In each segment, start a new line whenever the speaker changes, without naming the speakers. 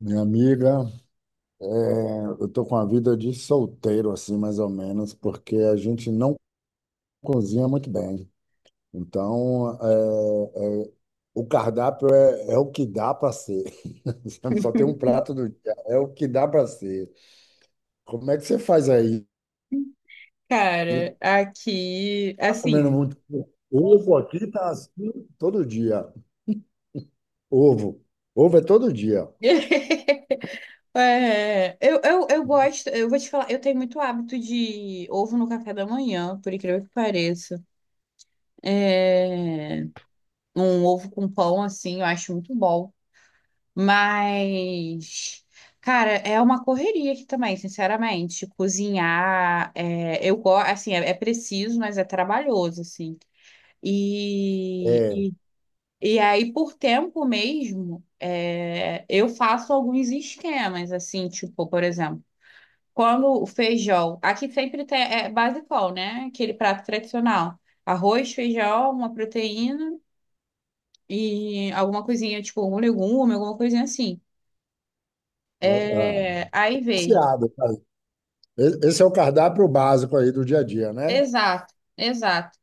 Minha amiga, é, eu tô com a vida de solteiro, assim, mais ou menos, porque a gente não cozinha muito bem. Então, o cardápio é o que dá para ser. Só tem um prato do dia, é o que dá para ser. Como é que você faz aí?
Cara, aqui,
Tá
assim.
comendo muito ovo aqui, tá assim todo dia. Ovo. Ovo é todo dia.
Eu gosto, eu vou te falar, eu tenho muito hábito de ovo no café da manhã, por incrível que pareça. É, Um ovo com pão, assim, eu acho muito bom. Mas, cara, é uma correria aqui também, sinceramente. Cozinhar, eu gosto, assim, é preciso, mas é trabalhoso, assim. e
É,
E aí, por tempo mesmo, eu faço alguns esquemas, assim, tipo, por exemplo, quando o feijão, aqui sempre tem, é basicão, né? Aquele prato tradicional. Arroz, feijão, uma proteína e alguma coisinha, tipo, um legume, alguma coisinha assim.
ah,
É, aí, veja.
Saciado, cara. Esse é o cardápio básico aí do dia a dia, né?
Exato, exato.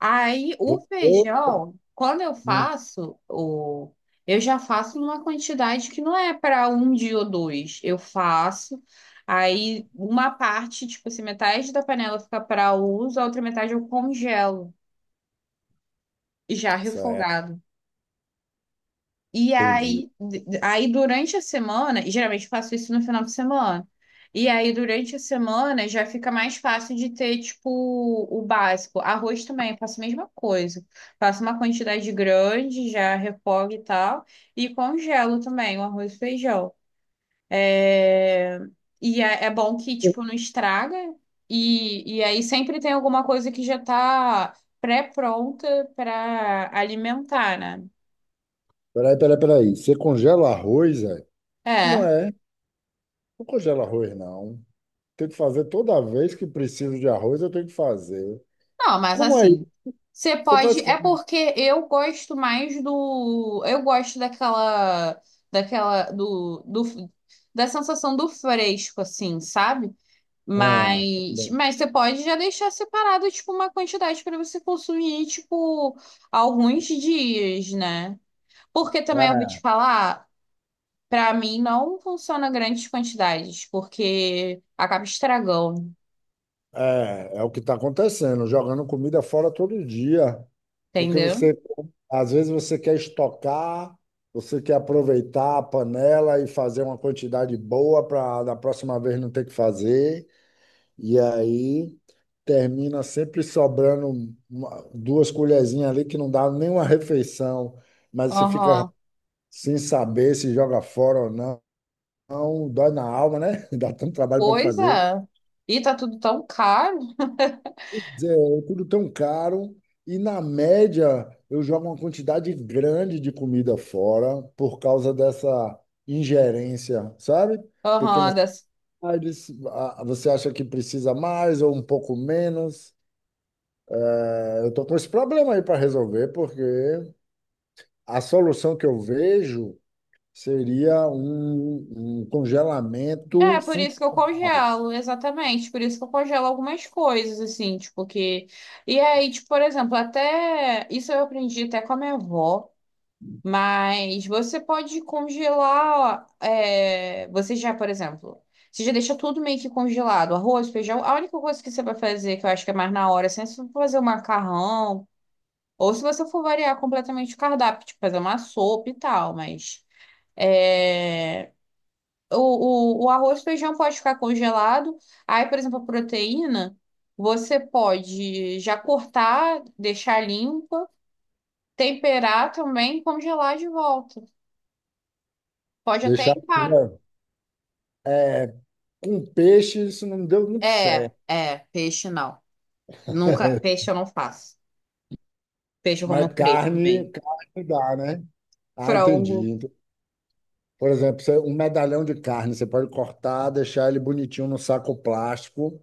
Aí o
Você,
feijão, quando eu
hum,
faço, o... eu já faço numa quantidade que não é para um dia ou dois. Eu faço, aí uma parte, tipo assim, metade da panela fica para uso, a outra metade eu congelo, já
Certo,
refogado. E
entendi.
aí, aí durante a semana, e geralmente eu faço isso no final de semana. E aí, durante a semana, já fica mais fácil de ter, tipo, o básico. Arroz também, eu faço a mesma coisa. Faço uma quantidade grande, já refogo e tal. E congelo também o arroz e feijão. É... E é bom que, tipo, não estraga. E aí sempre tem alguma coisa que já tá pré-pronta para alimentar, né?
Peraí, peraí, peraí. Você congela arroz, é? Como
É.
é? Não congela arroz, não. Tem que fazer toda vez que preciso de arroz, eu tenho que fazer.
Não, mas
Como é
assim,
isso?
você
Você
pode.
faz
É
como?
porque eu gosto mais do. Eu gosto daquela. Daquela. Do da sensação do fresco, assim, sabe?
Ah, tá
Mas,
bom.
mas você pode já deixar separado, tipo, uma quantidade para você consumir, tipo, alguns dias, né? Porque também eu vou te
é,
falar, para mim não funciona grandes quantidades, porque acaba estragando,
é, É o que está acontecendo, jogando comida fora todo dia. Porque
entendeu?
às vezes você quer estocar, você quer aproveitar a panela e fazer uma quantidade boa para da próxima vez não ter que fazer. E aí termina sempre sobrando duas colherzinhas ali que não dá nenhuma refeição, mas você fica
Aham.
sem saber se joga fora ou não. Não, dói na alma, né? Dá tanto trabalho para
Pois
fazer.
é. E tá tudo tão caro.
Quer dizer, é tudo tão caro e na média eu jogo uma quantidade grande de comida fora por causa dessa ingerência, sabe?
Aham,
Pequenas
das...
partes, ah, você acha que precisa mais ou um pouco menos? Eu estou com esse problema aí para resolver, porque a solução que eu vejo seria um congelamento
É, por
funcional.
isso que eu congelo, exatamente. Por isso que eu congelo algumas coisas, assim, tipo que... E aí, tipo, por exemplo, até... Isso eu aprendi até com a minha avó. Mas você pode congelar... Você já, por exemplo... Você já deixa tudo meio que congelado. Arroz, feijão... A única coisa que você vai fazer, que eu acho que é mais na hora, assim, é se você for fazer um macarrão... Ou se você for variar completamente o cardápio, tipo, fazer uma sopa e tal, mas... É, o arroz e feijão pode ficar congelado. Aí, por exemplo, a proteína, você pode já cortar, deixar limpa, temperar também, e congelar de volta. Pode até
Deixar
empar.
é, com peixe, isso não deu muito certo.
Peixe não. Nunca, peixe eu não faço. Peixe eu
Mas
como fresco mesmo.
carne, carne dá, né? Ah,
Frango.
entendi. Então, por exemplo, um medalhão de carne, você pode cortar, deixar ele bonitinho no saco plástico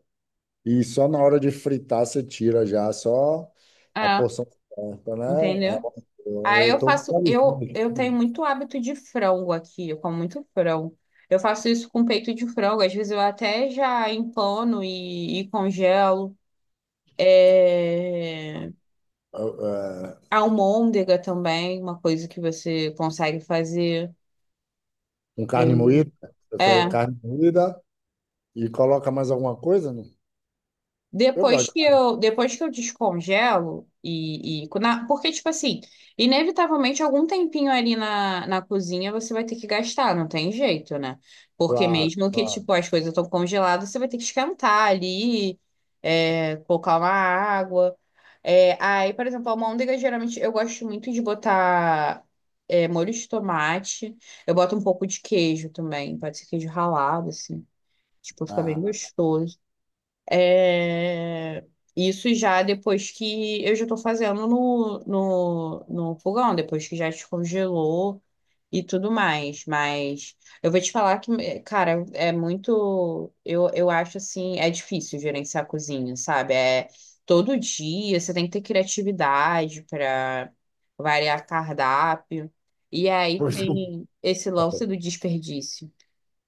e só na hora de fritar você tira já, só a
É,
porção certa, né? Ah,
entendeu? Aí
eu
eu
estou
faço, eu tenho muito hábito de frango aqui, eu como muito frango. Eu faço isso com peito de frango, às vezes eu até já empano e congelo. É...
ah, ah,
Almôndega também, uma coisa que você consegue fazer.
com
É,
carne moída. Você faz
é.
carne moída e coloca mais alguma coisa? Não? Eu gosto.
Depois que eu descongelo e porque, tipo assim, inevitavelmente algum tempinho ali na cozinha você vai ter que gastar, não tem jeito, né? Porque
Claro,
mesmo que,
claro.
tipo, as coisas estão congeladas, você vai ter que esquentar ali, colocar uma água. É, aí, por exemplo, a almôndega, geralmente eu gosto muito de botar, molho de tomate. Eu boto um pouco de queijo também, pode ser queijo ralado, assim. Tipo, fica bem
Ah,
gostoso. É, Isso já depois que eu já estou fazendo no, no fogão, depois que já descongelou e tudo mais. Mas eu vou te falar que, é, cara, é muito. Eu acho assim, é difícil gerenciar a cozinha, sabe? É todo dia, você tem que ter criatividade para variar cardápio. E aí
pois
tem esse lance do desperdício,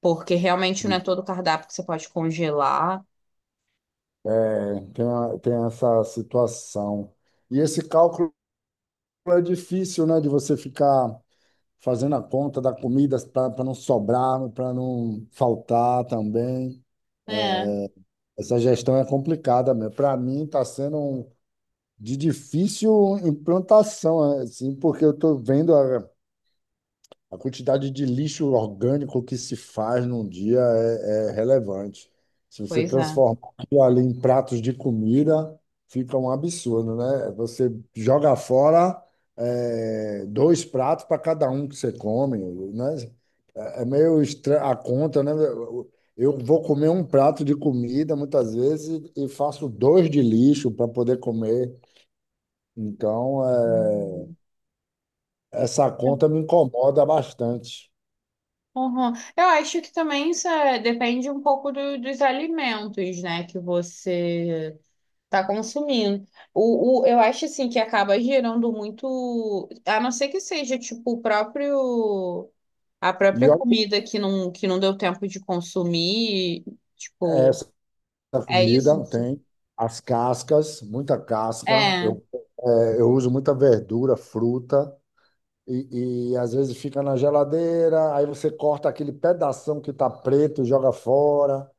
porque realmente não é todo cardápio que você pode congelar.
é, tem, tem essa situação. E esse cálculo é difícil, né, de você ficar fazendo a conta da comida para não sobrar, para não faltar também.
É.
Essa gestão é complicada mesmo. Para mim, está sendo de difícil implantação, assim, porque eu estou vendo a quantidade de lixo orgânico que se faz num dia é relevante. Se você
Pois é.
transformar aquilo ali em pratos de comida, fica um absurdo, né? Você joga fora, é, dois pratos para cada um que você come, né? É meio estranha a conta, né? Eu vou comer um prato de comida muitas vezes e faço dois de lixo para poder comer. Então,
Uhum.
essa conta me incomoda bastante.
Uhum. Eu acho que também isso é- depende um pouco do- dos alimentos, né, que você está consumindo. Eu acho assim que acaba gerando muito, a não ser que seja tipo o próprio a
E
própria
olha,
comida que não deu tempo de consumir,
é,
tipo,
da
é isso?
comida, tem as cascas, muita casca.
É,
Eu, eu uso muita verdura, fruta, e às vezes fica na geladeira, aí você corta aquele pedação que está preto, e joga fora,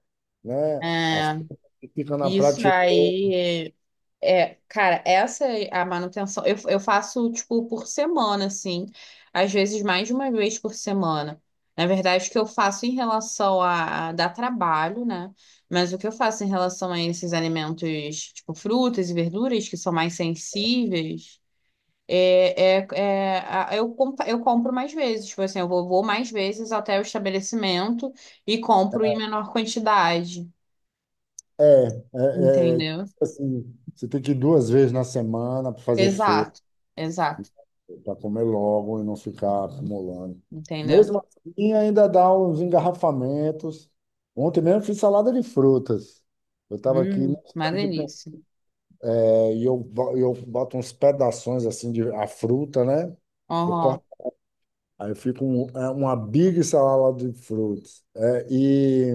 né? A-
é
fruta Fica na
isso
prateleira.
aí. É, cara, essa é a manutenção. Eu faço, tipo, por semana, assim. Às vezes mais de uma vez por semana. Na verdade, o que eu faço em relação a dar trabalho, né? Mas o que eu faço em relação a esses alimentos, tipo, frutas e verduras, que são mais sensíveis, eu compro mais vezes. Tipo assim, vou mais vezes até o estabelecimento e compro em menor quantidade,
É, é, é,
entendeu?
assim, você tem que ir duas vezes na semana para fazer feira,
Exato, exato,
para comer logo e não ficar acumulando.
entendeu?
Mesmo assim, ainda dá uns engarrafamentos. Ontem mesmo fiz salada de frutas. Eu estava aqui no
Uma
estande de
delícia.
e eu, eu boto uns pedaços assim de a fruta, né? Eu
Uhum.
corto, aí fica é uma big salada de frutas.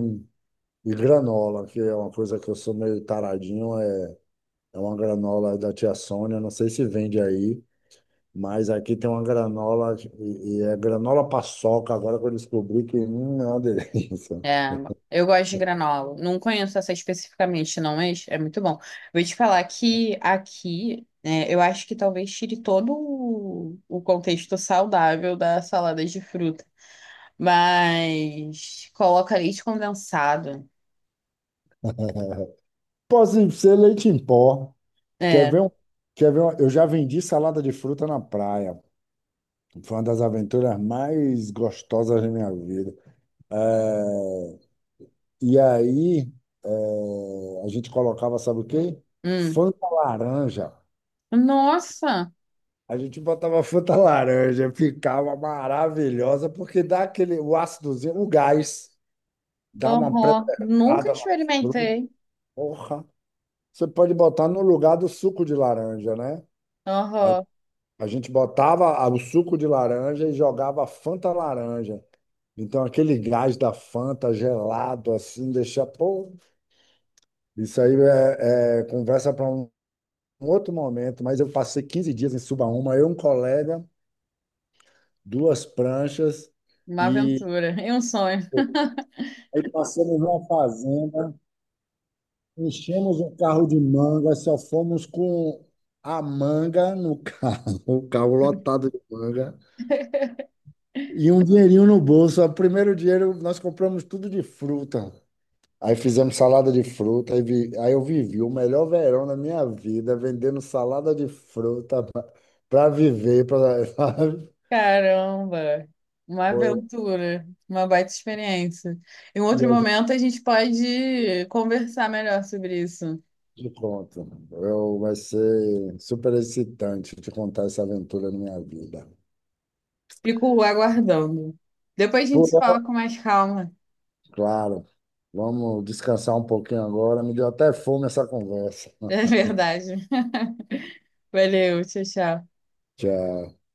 E granola, que é uma coisa que eu sou meio taradinho, é uma granola da tia Sônia, não sei se vende aí. Mas aqui tem uma granola, e é granola paçoca, agora que eu descobri que é uma delícia.
É, eu gosto de granola. Não conheço essa especificamente, não, mas é muito bom. Vou te falar que aqui, né, eu acho que talvez tire todo o contexto saudável da salada de fruta. Mas coloca leite condensado.
Pode ser leite em pó. Quer ver
É.
um, quer ver um, eu já vendi salada de fruta na praia. Foi uma das aventuras mais gostosas da minha vida. É, E aí, a gente colocava, sabe o quê?
Hum.
Fanta laranja.
Nossa!
A gente botava Fanta laranja, ficava maravilhosa, porque dá aquele, o ácidozinho, o gás, dá uma
Uhum. Nunca
preservada na fruta.
experimentei.
Porra! Você pode botar no lugar do suco de laranja, né? Aí
Uhum.
a gente botava o suco de laranja e jogava Fanta laranja. Então, aquele gás da Fanta gelado, assim, deixa. Pô, isso aí é conversa para um outro momento, mas eu passei 15 dias em Subaúma, eu um colega, duas pranchas,
Uma
e
aventura e um sonho.
aí passamos numa fazenda, enchemos um carro de manga, só fomos com a manga no carro, o carro lotado de manga, e um dinheirinho no bolso. O primeiro dinheiro nós compramos tudo de fruta. Aí fizemos salada de fruta, aí, aí eu vivi o melhor verão da minha vida, vendendo salada de fruta para viver, para
Caramba, uma
foi.
aventura, uma baita experiência. Em
E
outro
a
momento a gente pode conversar melhor sobre isso.
De pronto. Eu, vai ser super excitante te contar essa aventura na minha vida.
Fico aguardando. Depois a gente
Por
se
hora,
fala com mais calma.
claro. Vamos descansar um pouquinho agora. Me deu até fome essa conversa.
É verdade. Valeu, tchau, tchau.
Tchau.